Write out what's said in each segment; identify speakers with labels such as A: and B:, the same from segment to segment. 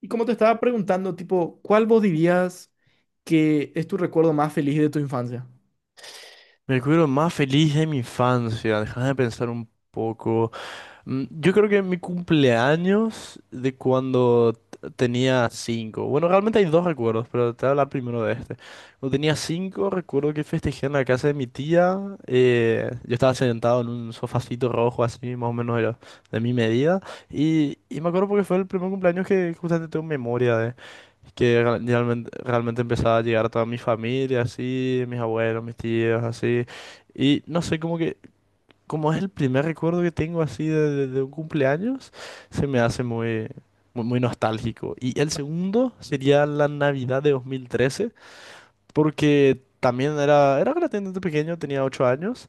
A: Y como te estaba preguntando, tipo, ¿cuál vos dirías que es tu recuerdo más feliz de tu infancia?
B: Mi recuerdo más feliz de mi infancia, déjame pensar un poco. Yo creo que mi cumpleaños de cuando tenía cinco. Bueno, realmente hay dos recuerdos, pero te voy a hablar primero de este. Cuando tenía cinco, recuerdo que festejé en la casa de mi tía. Yo estaba sentado en un sofacito rojo, así más o menos era de mi medida. Y me acuerdo porque fue el primer cumpleaños que justamente tengo memoria que realmente empezaba a llegar a toda mi familia, así, mis abuelos, mis tíos, así. Y no sé, como que, como es el primer recuerdo que tengo así de un cumpleaños, se me hace muy, muy, muy nostálgico. Y el segundo sería la Navidad de 2013, porque también era relativamente pequeño, tenía 8 años,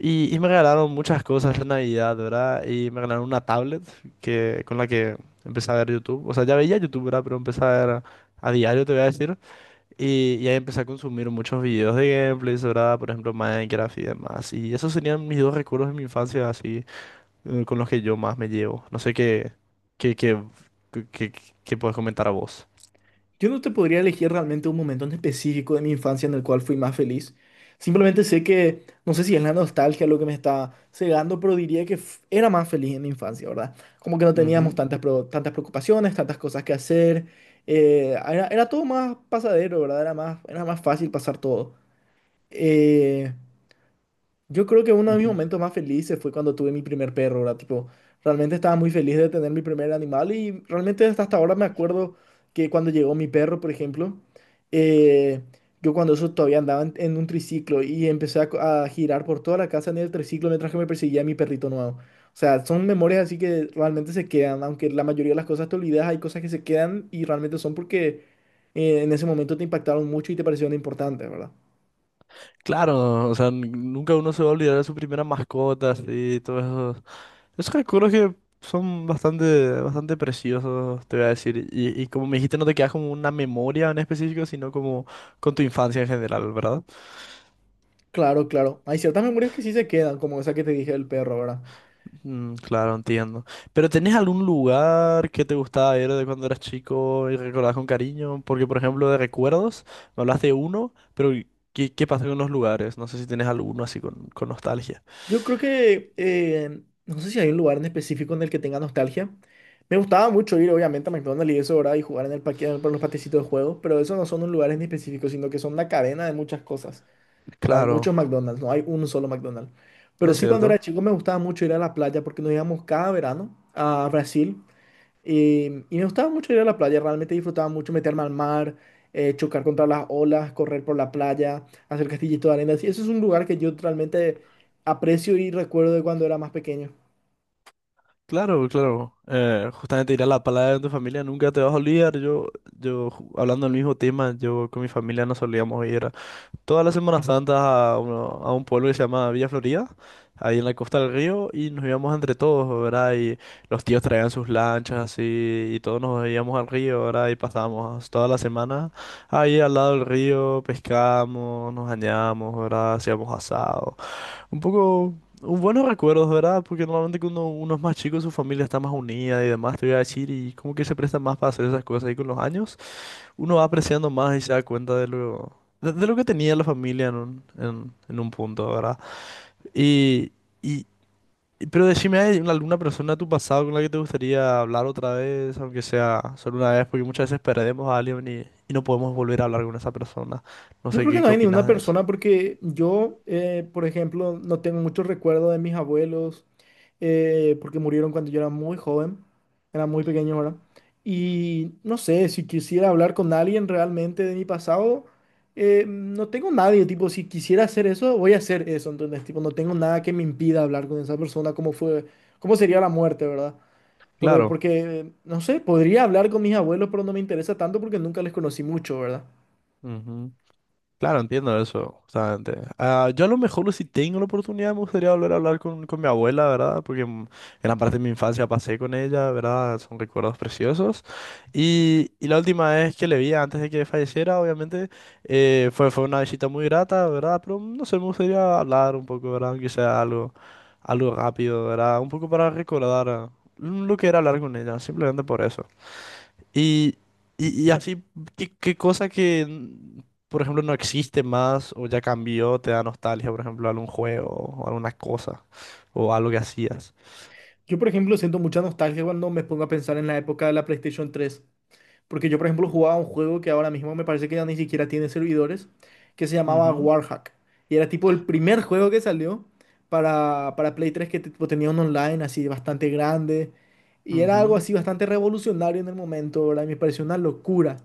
B: y me regalaron muchas cosas en Navidad, ¿verdad? Y me regalaron una tablet con la que empecé a ver YouTube. O sea, ya veía YouTube, ¿verdad? Pero empecé a ver. A diario te voy a decir. Y ahí empecé a consumir muchos videos de gameplays, ¿verdad? Por ejemplo, Minecraft y demás. Y esos serían mis dos recuerdos de mi infancia, así, con los que yo más me llevo. No sé qué, qué, qué, qué- qué puedes comentar a vos.
A: Yo no te podría elegir realmente un momento en específico de mi infancia en el cual fui más feliz. Simplemente sé que, no sé si es la nostalgia lo que me está cegando, pero diría que era más feliz en mi infancia, ¿verdad? Como que no teníamos
B: Ujú,
A: tantas, tantas preocupaciones, tantas cosas que hacer. Era todo más pasadero, ¿verdad? Era más fácil pasar todo. Eh, Yo creo que uno de mis
B: ujú.
A: momentos más felices fue cuando tuve mi primer perro, ¿verdad? Tipo, realmente estaba muy feliz de tener mi primer animal y realmente hasta ahora me acuerdo que cuando llegó mi perro, por ejemplo, eh, yo cuando eso todavía andaba en un triciclo y empecé a girar por toda la casa en el triciclo mientras que me perseguía mi perrito nuevo. O sea, son memorias así que realmente se quedan, aunque la mayoría de las cosas te olvidas, hay cosas que se quedan y realmente son porque en ese momento te impactaron mucho y te parecieron importantes, ¿verdad?
B: Claro, o sea, nunca uno se va a olvidar de su primera mascota, y todos esos, esos recuerdos que son bastante, bastante preciosos, te voy a decir. Y como me dijiste, no te quedas como una memoria en específico, sino como con tu infancia en general, ¿verdad?
A: Claro, claro. Hay ciertas memorias que sí se quedan, como esa que te dije del perro, ¿verdad?
B: Mm, claro, entiendo. ¿Pero tenés algún lugar que te gustaba ir de cuando eras chico y recordás con cariño? Porque, por ejemplo, de recuerdos, me hablaste de uno, pero ¿qué pasa con los lugares? No sé si tenés alguno así con nostalgia.
A: Yo creo que, no sé si hay un lugar en específico en el que tenga nostalgia. Me gustaba mucho ir, obviamente, a McDonald's y eso, ¿verdad? Y jugar en el parque, por los patecitos de juegos, pero esos no son un lugar en específico, sino que son una cadena de muchas cosas, ¿verdad? Hay
B: Claro,
A: muchos McDonald's, no hay un solo McDonald's. Pero
B: es
A: sí, cuando
B: cierto.
A: era chico me gustaba mucho ir a la playa porque nos íbamos cada verano a Brasil. Y, y me gustaba mucho ir a la playa, realmente disfrutaba mucho meterme al mar, chocar contra las olas, correr por la playa, hacer castillitos de arena. Sí, eso es un lugar que yo realmente aprecio y recuerdo de cuando era más pequeño.
B: Claro, claro. Justamente ir a la palabra de tu familia nunca te vas a olvidar. Hablando del mismo tema, yo con mi familia no solíamos ir. Toda la Semana Santa a un pueblo que se llama Villa Florida, ahí en la costa del río, y nos íbamos entre todos, ¿verdad? Y los tíos traían sus lanchas así, y todos nos íbamos al río, ¿verdad? Y pasábamos toda la semana ahí al lado del río, pescamos, nos bañamos, ¿verdad? Hacíamos asado. Un poco. Un buenos recuerdos, ¿verdad? Porque normalmente cuando uno es más chico, su familia está más unida y demás, te voy a decir, y como que se presta más para hacer esas cosas ahí con los años uno va apreciando más y se da cuenta de lo que tenía la familia en un punto, ¿verdad? Y, y, pero decime, ¿hay alguna persona de tu pasado con la que te gustaría hablar otra vez, aunque sea solo una vez? Porque muchas veces perdemos a alguien y no podemos volver a hablar con esa persona. No
A: Yo
B: sé
A: creo que
B: qué,
A: no
B: qué
A: hay ninguna
B: opinas de eso.
A: persona porque yo, por ejemplo, no tengo mucho recuerdo de mis abuelos, porque murieron cuando yo era muy joven, era muy pequeño ahora. Y no sé, si quisiera hablar con alguien realmente de mi pasado, no tengo nadie, tipo, si quisiera hacer eso, voy a hacer eso, entonces, tipo, no tengo nada que me impida hablar con esa persona, cómo fue, cómo sería la muerte, ¿verdad? porque
B: Claro.
A: Porque, no sé, podría hablar con mis abuelos, pero no me interesa tanto porque nunca les conocí mucho, ¿verdad?
B: Claro, entiendo eso, justamente. Ah, yo a lo mejor si tengo la oportunidad me gustaría volver a hablar con mi abuela, ¿verdad? Porque gran parte de mi infancia pasé con ella, ¿verdad? Son recuerdos preciosos. Y la última vez que le vi antes de que falleciera, obviamente, fue una visita muy grata, ¿verdad? Pero no sé, me gustaría hablar un poco, ¿verdad? Aunque sea algo rápido, ¿verdad? Un poco para recordar lo que era hablar con ella, simplemente por eso. Y, y así, ¿qué cosa por ejemplo, no existe más o ya cambió, te da nostalgia, por ejemplo, algún juego o alguna cosa o algo que hacías?
A: Yo, por ejemplo, siento mucha nostalgia cuando me pongo a pensar en la época de la PlayStation 3, porque yo, por ejemplo, jugaba un juego que ahora mismo me parece que ya ni siquiera tiene servidores, que se llamaba
B: Ujú,
A: Warhack, y era tipo el primer juego que salió para Play 3, que tipo, tenía un online así bastante grande, y era algo
B: ujú.
A: así bastante revolucionario en el momento, ¿verdad? Y me pareció una locura.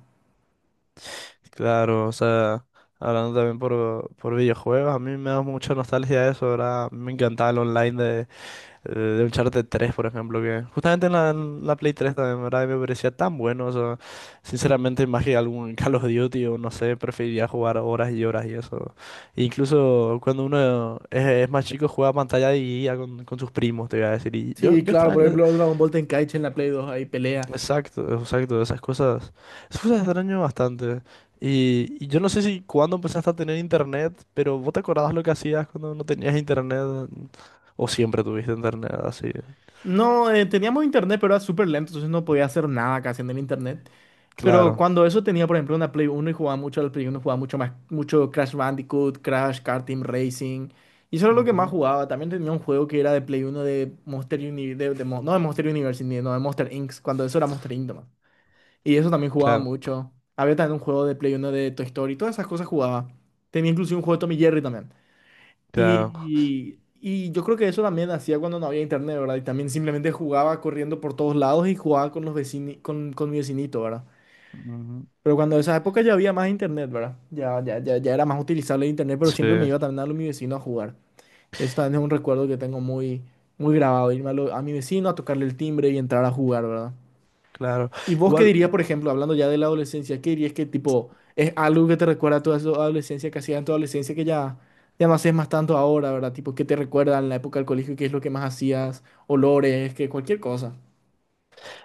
B: Claro, o sea, hablando también por videojuegos, a mí me da mucha nostalgia eso, ¿verdad? Me encantaba el online de Uncharted 3 por ejemplo, que justamente en la Play 3 también, ¿verdad? Y me parecía tan bueno, o sea, sinceramente, más que algún Call of Duty o no sé, preferiría jugar horas y horas y eso. E incluso cuando uno es más chico, juega a pantalla dividida con sus primos, te voy a decir. Y yo,
A: Sí,
B: yo
A: claro, por
B: extraño,
A: ejemplo, Dragon Ball Tenkaichi en la Play 2, ahí pelea.
B: exacto, exacto, esas cosas extraño bastante. Y yo no sé si cuándo empezaste a tener internet, pero ¿vos te acordabas lo que hacías cuando no tenías internet? ¿O siempre tuviste internet así?
A: No, teníamos internet, pero era súper lento, entonces no podía hacer nada casi en el internet. Pero
B: Claro.
A: cuando eso tenía, por ejemplo, una Play 1, y jugaba mucho al Play 1, jugaba mucho más, mucho Crash Bandicoot, Crash, Car Team Racing. Y eso era lo que más jugaba. También tenía un juego que era de Play 1 de Monster Uni, no de Monster University, no de Monster Inc. Cuando eso era Monster Inc. nomás. Y eso también jugaba
B: Claro,
A: mucho. Había también un juego de Play 1 de Toy Story, todas esas cosas jugaba. Tenía incluso un juego de Tommy Jerry también.
B: claro.
A: Y yo creo que eso también hacía cuando no había internet, ¿verdad? Y también simplemente jugaba corriendo por todos lados y jugaba con los con mi vecinito, ¿verdad?
B: Ujú.
A: Pero cuando en esa época ya había más internet, ¿verdad? Ya era más utilizable el internet, pero
B: Sí,
A: siempre me iba también a lo de mi vecino a jugar. Eso también es un recuerdo que tengo muy, muy grabado, irme a mi vecino a tocarle el timbre y entrar a jugar, ¿verdad?
B: claro.
A: ¿Y vos qué
B: Igual,
A: dirías, por ejemplo, hablando ya de la adolescencia, qué dirías que tipo es algo que te recuerda a toda tu adolescencia, que hacías en tu adolescencia, que ya no haces más tanto ahora, ¿verdad? Tipo, ¿qué te recuerda en la época del colegio? ¿Qué es lo que más hacías? Olores, que cualquier cosa.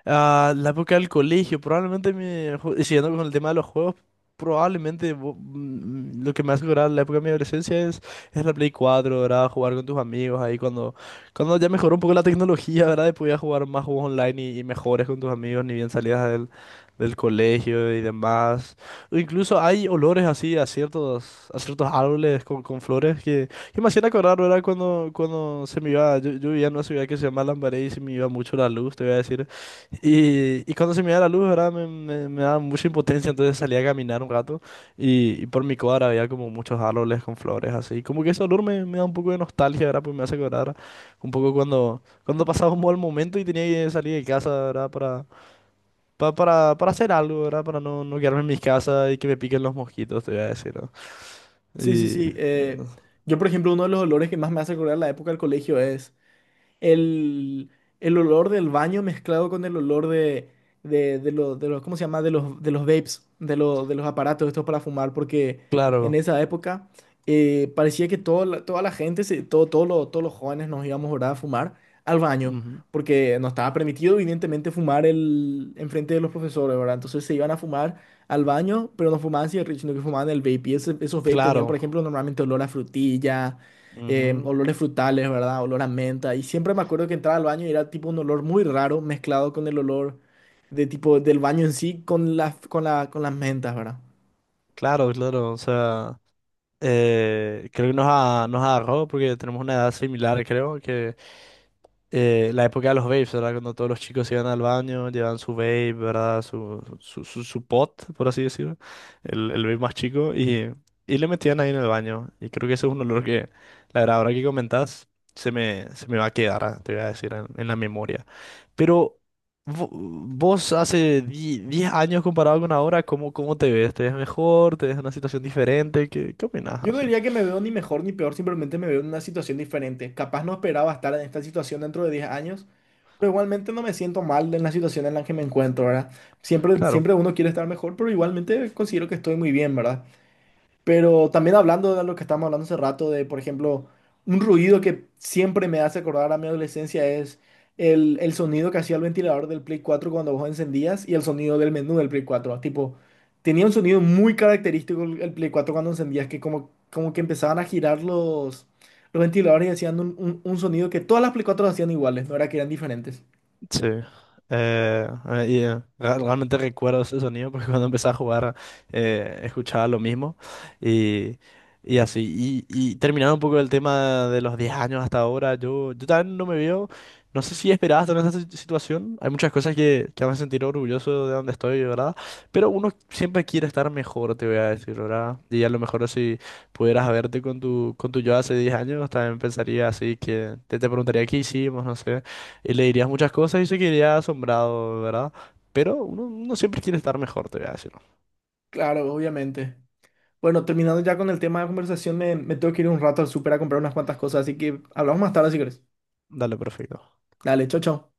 B: ah, la época del colegio, probablemente siguiendo con el tema de los juegos, probablemente lo que me hace acordar la época de mi adolescencia es la Play 4, ¿verdad? Jugar con tus amigos ahí cuando ya mejoró un poco la tecnología, ¿verdad? Y podías jugar más juegos online y mejores con tus amigos, ni bien salías del colegio y demás. O incluso hay olores así a ciertos árboles con flores que me hacían acordar, ¿verdad? Cuando se me iba, yo vivía en una ciudad que se llama Lambaré y se me iba mucho la luz, te voy a decir. Y cuando se me iba la luz, ¿verdad? Me daba mucha impotencia, entonces salía a caminar un rato y por mi cuadra había como muchos árboles con flores así. Como que ese olor me da un poco de nostalgia, ¿verdad? Pues me hace acordar un poco cuando pasaba un mal momento y tenía que salir de casa, ¿verdad? Para hacer algo, ¿verdad? Para no quedarme en mi casa y que me piquen los mosquitos, te voy a decir, ¿no?
A: Sí, sí,
B: Y
A: sí. Yo, por ejemplo, uno de los olores que más me hace recordar la época del colegio es el, el olor del baño mezclado con el olor de los, ¿cómo se llama? De los vapes, de los aparatos estos para fumar, porque en
B: claro,
A: esa época parecía que toda la gente, se, todo, todos los jóvenes nos íbamos, ¿verdad?, a fumar al baño,
B: ujú,
A: porque no estaba permitido, evidentemente, fumar enfrente de los profesores, ¿verdad? Entonces se iban a fumar al baño, pero no fumaban cigarrillos, sino que fumaban el vape. Y esos vape tenían, por
B: claro,
A: ejemplo, normalmente olor a frutilla,
B: ujú,
A: olores frutales, ¿verdad? Olor a menta. Y siempre me acuerdo que entraba al baño y era tipo un olor muy raro mezclado con el olor de tipo del baño en sí con las mentas, ¿verdad?
B: claro, claro, o sea. Creo que nos agarró porque tenemos una edad similar, creo, que la época de los vapes, ¿verdad? Cuando todos los chicos iban al baño, llevaban su vape, ¿verdad? Su pot, por así decirlo, el vape más chico, y le metían ahí en el baño. Y creo que ese es un olor que, la verdad, ahora que comentás, se me va a quedar, te voy a decir, en la memoria. Pero. vo- Vos hace 10 años comparado con ahora, ¿cómo te ves? ¿Te ves mejor? ¿Te ves en una situación diferente? ¿Qué opinás
A: Yo no
B: así?
A: diría que me veo ni mejor ni peor, simplemente me veo en una situación diferente. Capaz no esperaba estar en esta situación dentro de 10 años, pero igualmente no me siento mal en la situación en la que me encuentro, ¿verdad? Siempre,
B: Claro,
A: siempre uno quiere estar mejor, pero igualmente considero que estoy muy bien, ¿verdad? Pero también hablando de lo que estábamos hablando hace rato, de por ejemplo, un ruido que siempre me hace acordar a mi adolescencia es el sonido que hacía el ventilador del Play 4 cuando vos encendías y el sonido del menú del Play 4. Tipo, tenía un sonido muy característico el Play 4 cuando encendías, que como que empezaban a girar los ventiladores y hacían un sonido que todas las Play 4 hacían iguales, no era que eran diferentes.
B: sí. Realmente recuerdo ese sonido porque cuando empecé a jugar escuchaba lo mismo y, y así. Y terminando un poco el tema de los 10 años hasta ahora, yo también no me veo, no sé si esperaba estar en esta situación. Hay muchas cosas que me hacen sentir orgulloso de donde estoy, ¿verdad? Pero uno siempre quiere estar mejor, te voy a decir, ¿verdad? Y a lo mejor si pudieras verte con tu yo hace 10 años, también pensaría así que te preguntaría qué hicimos, no sé. Y le dirías muchas cosas y se quedaría asombrado, ¿verdad? Pero uno siempre quiere estar mejor, te voy a decir. ¿No?
A: Claro, obviamente. Bueno, terminando ya con el tema de conversación, me tengo que ir un rato al súper a comprar unas cuantas cosas, así que hablamos más tarde si querés.
B: Dale, perfecto.
A: Dale, chao, chao.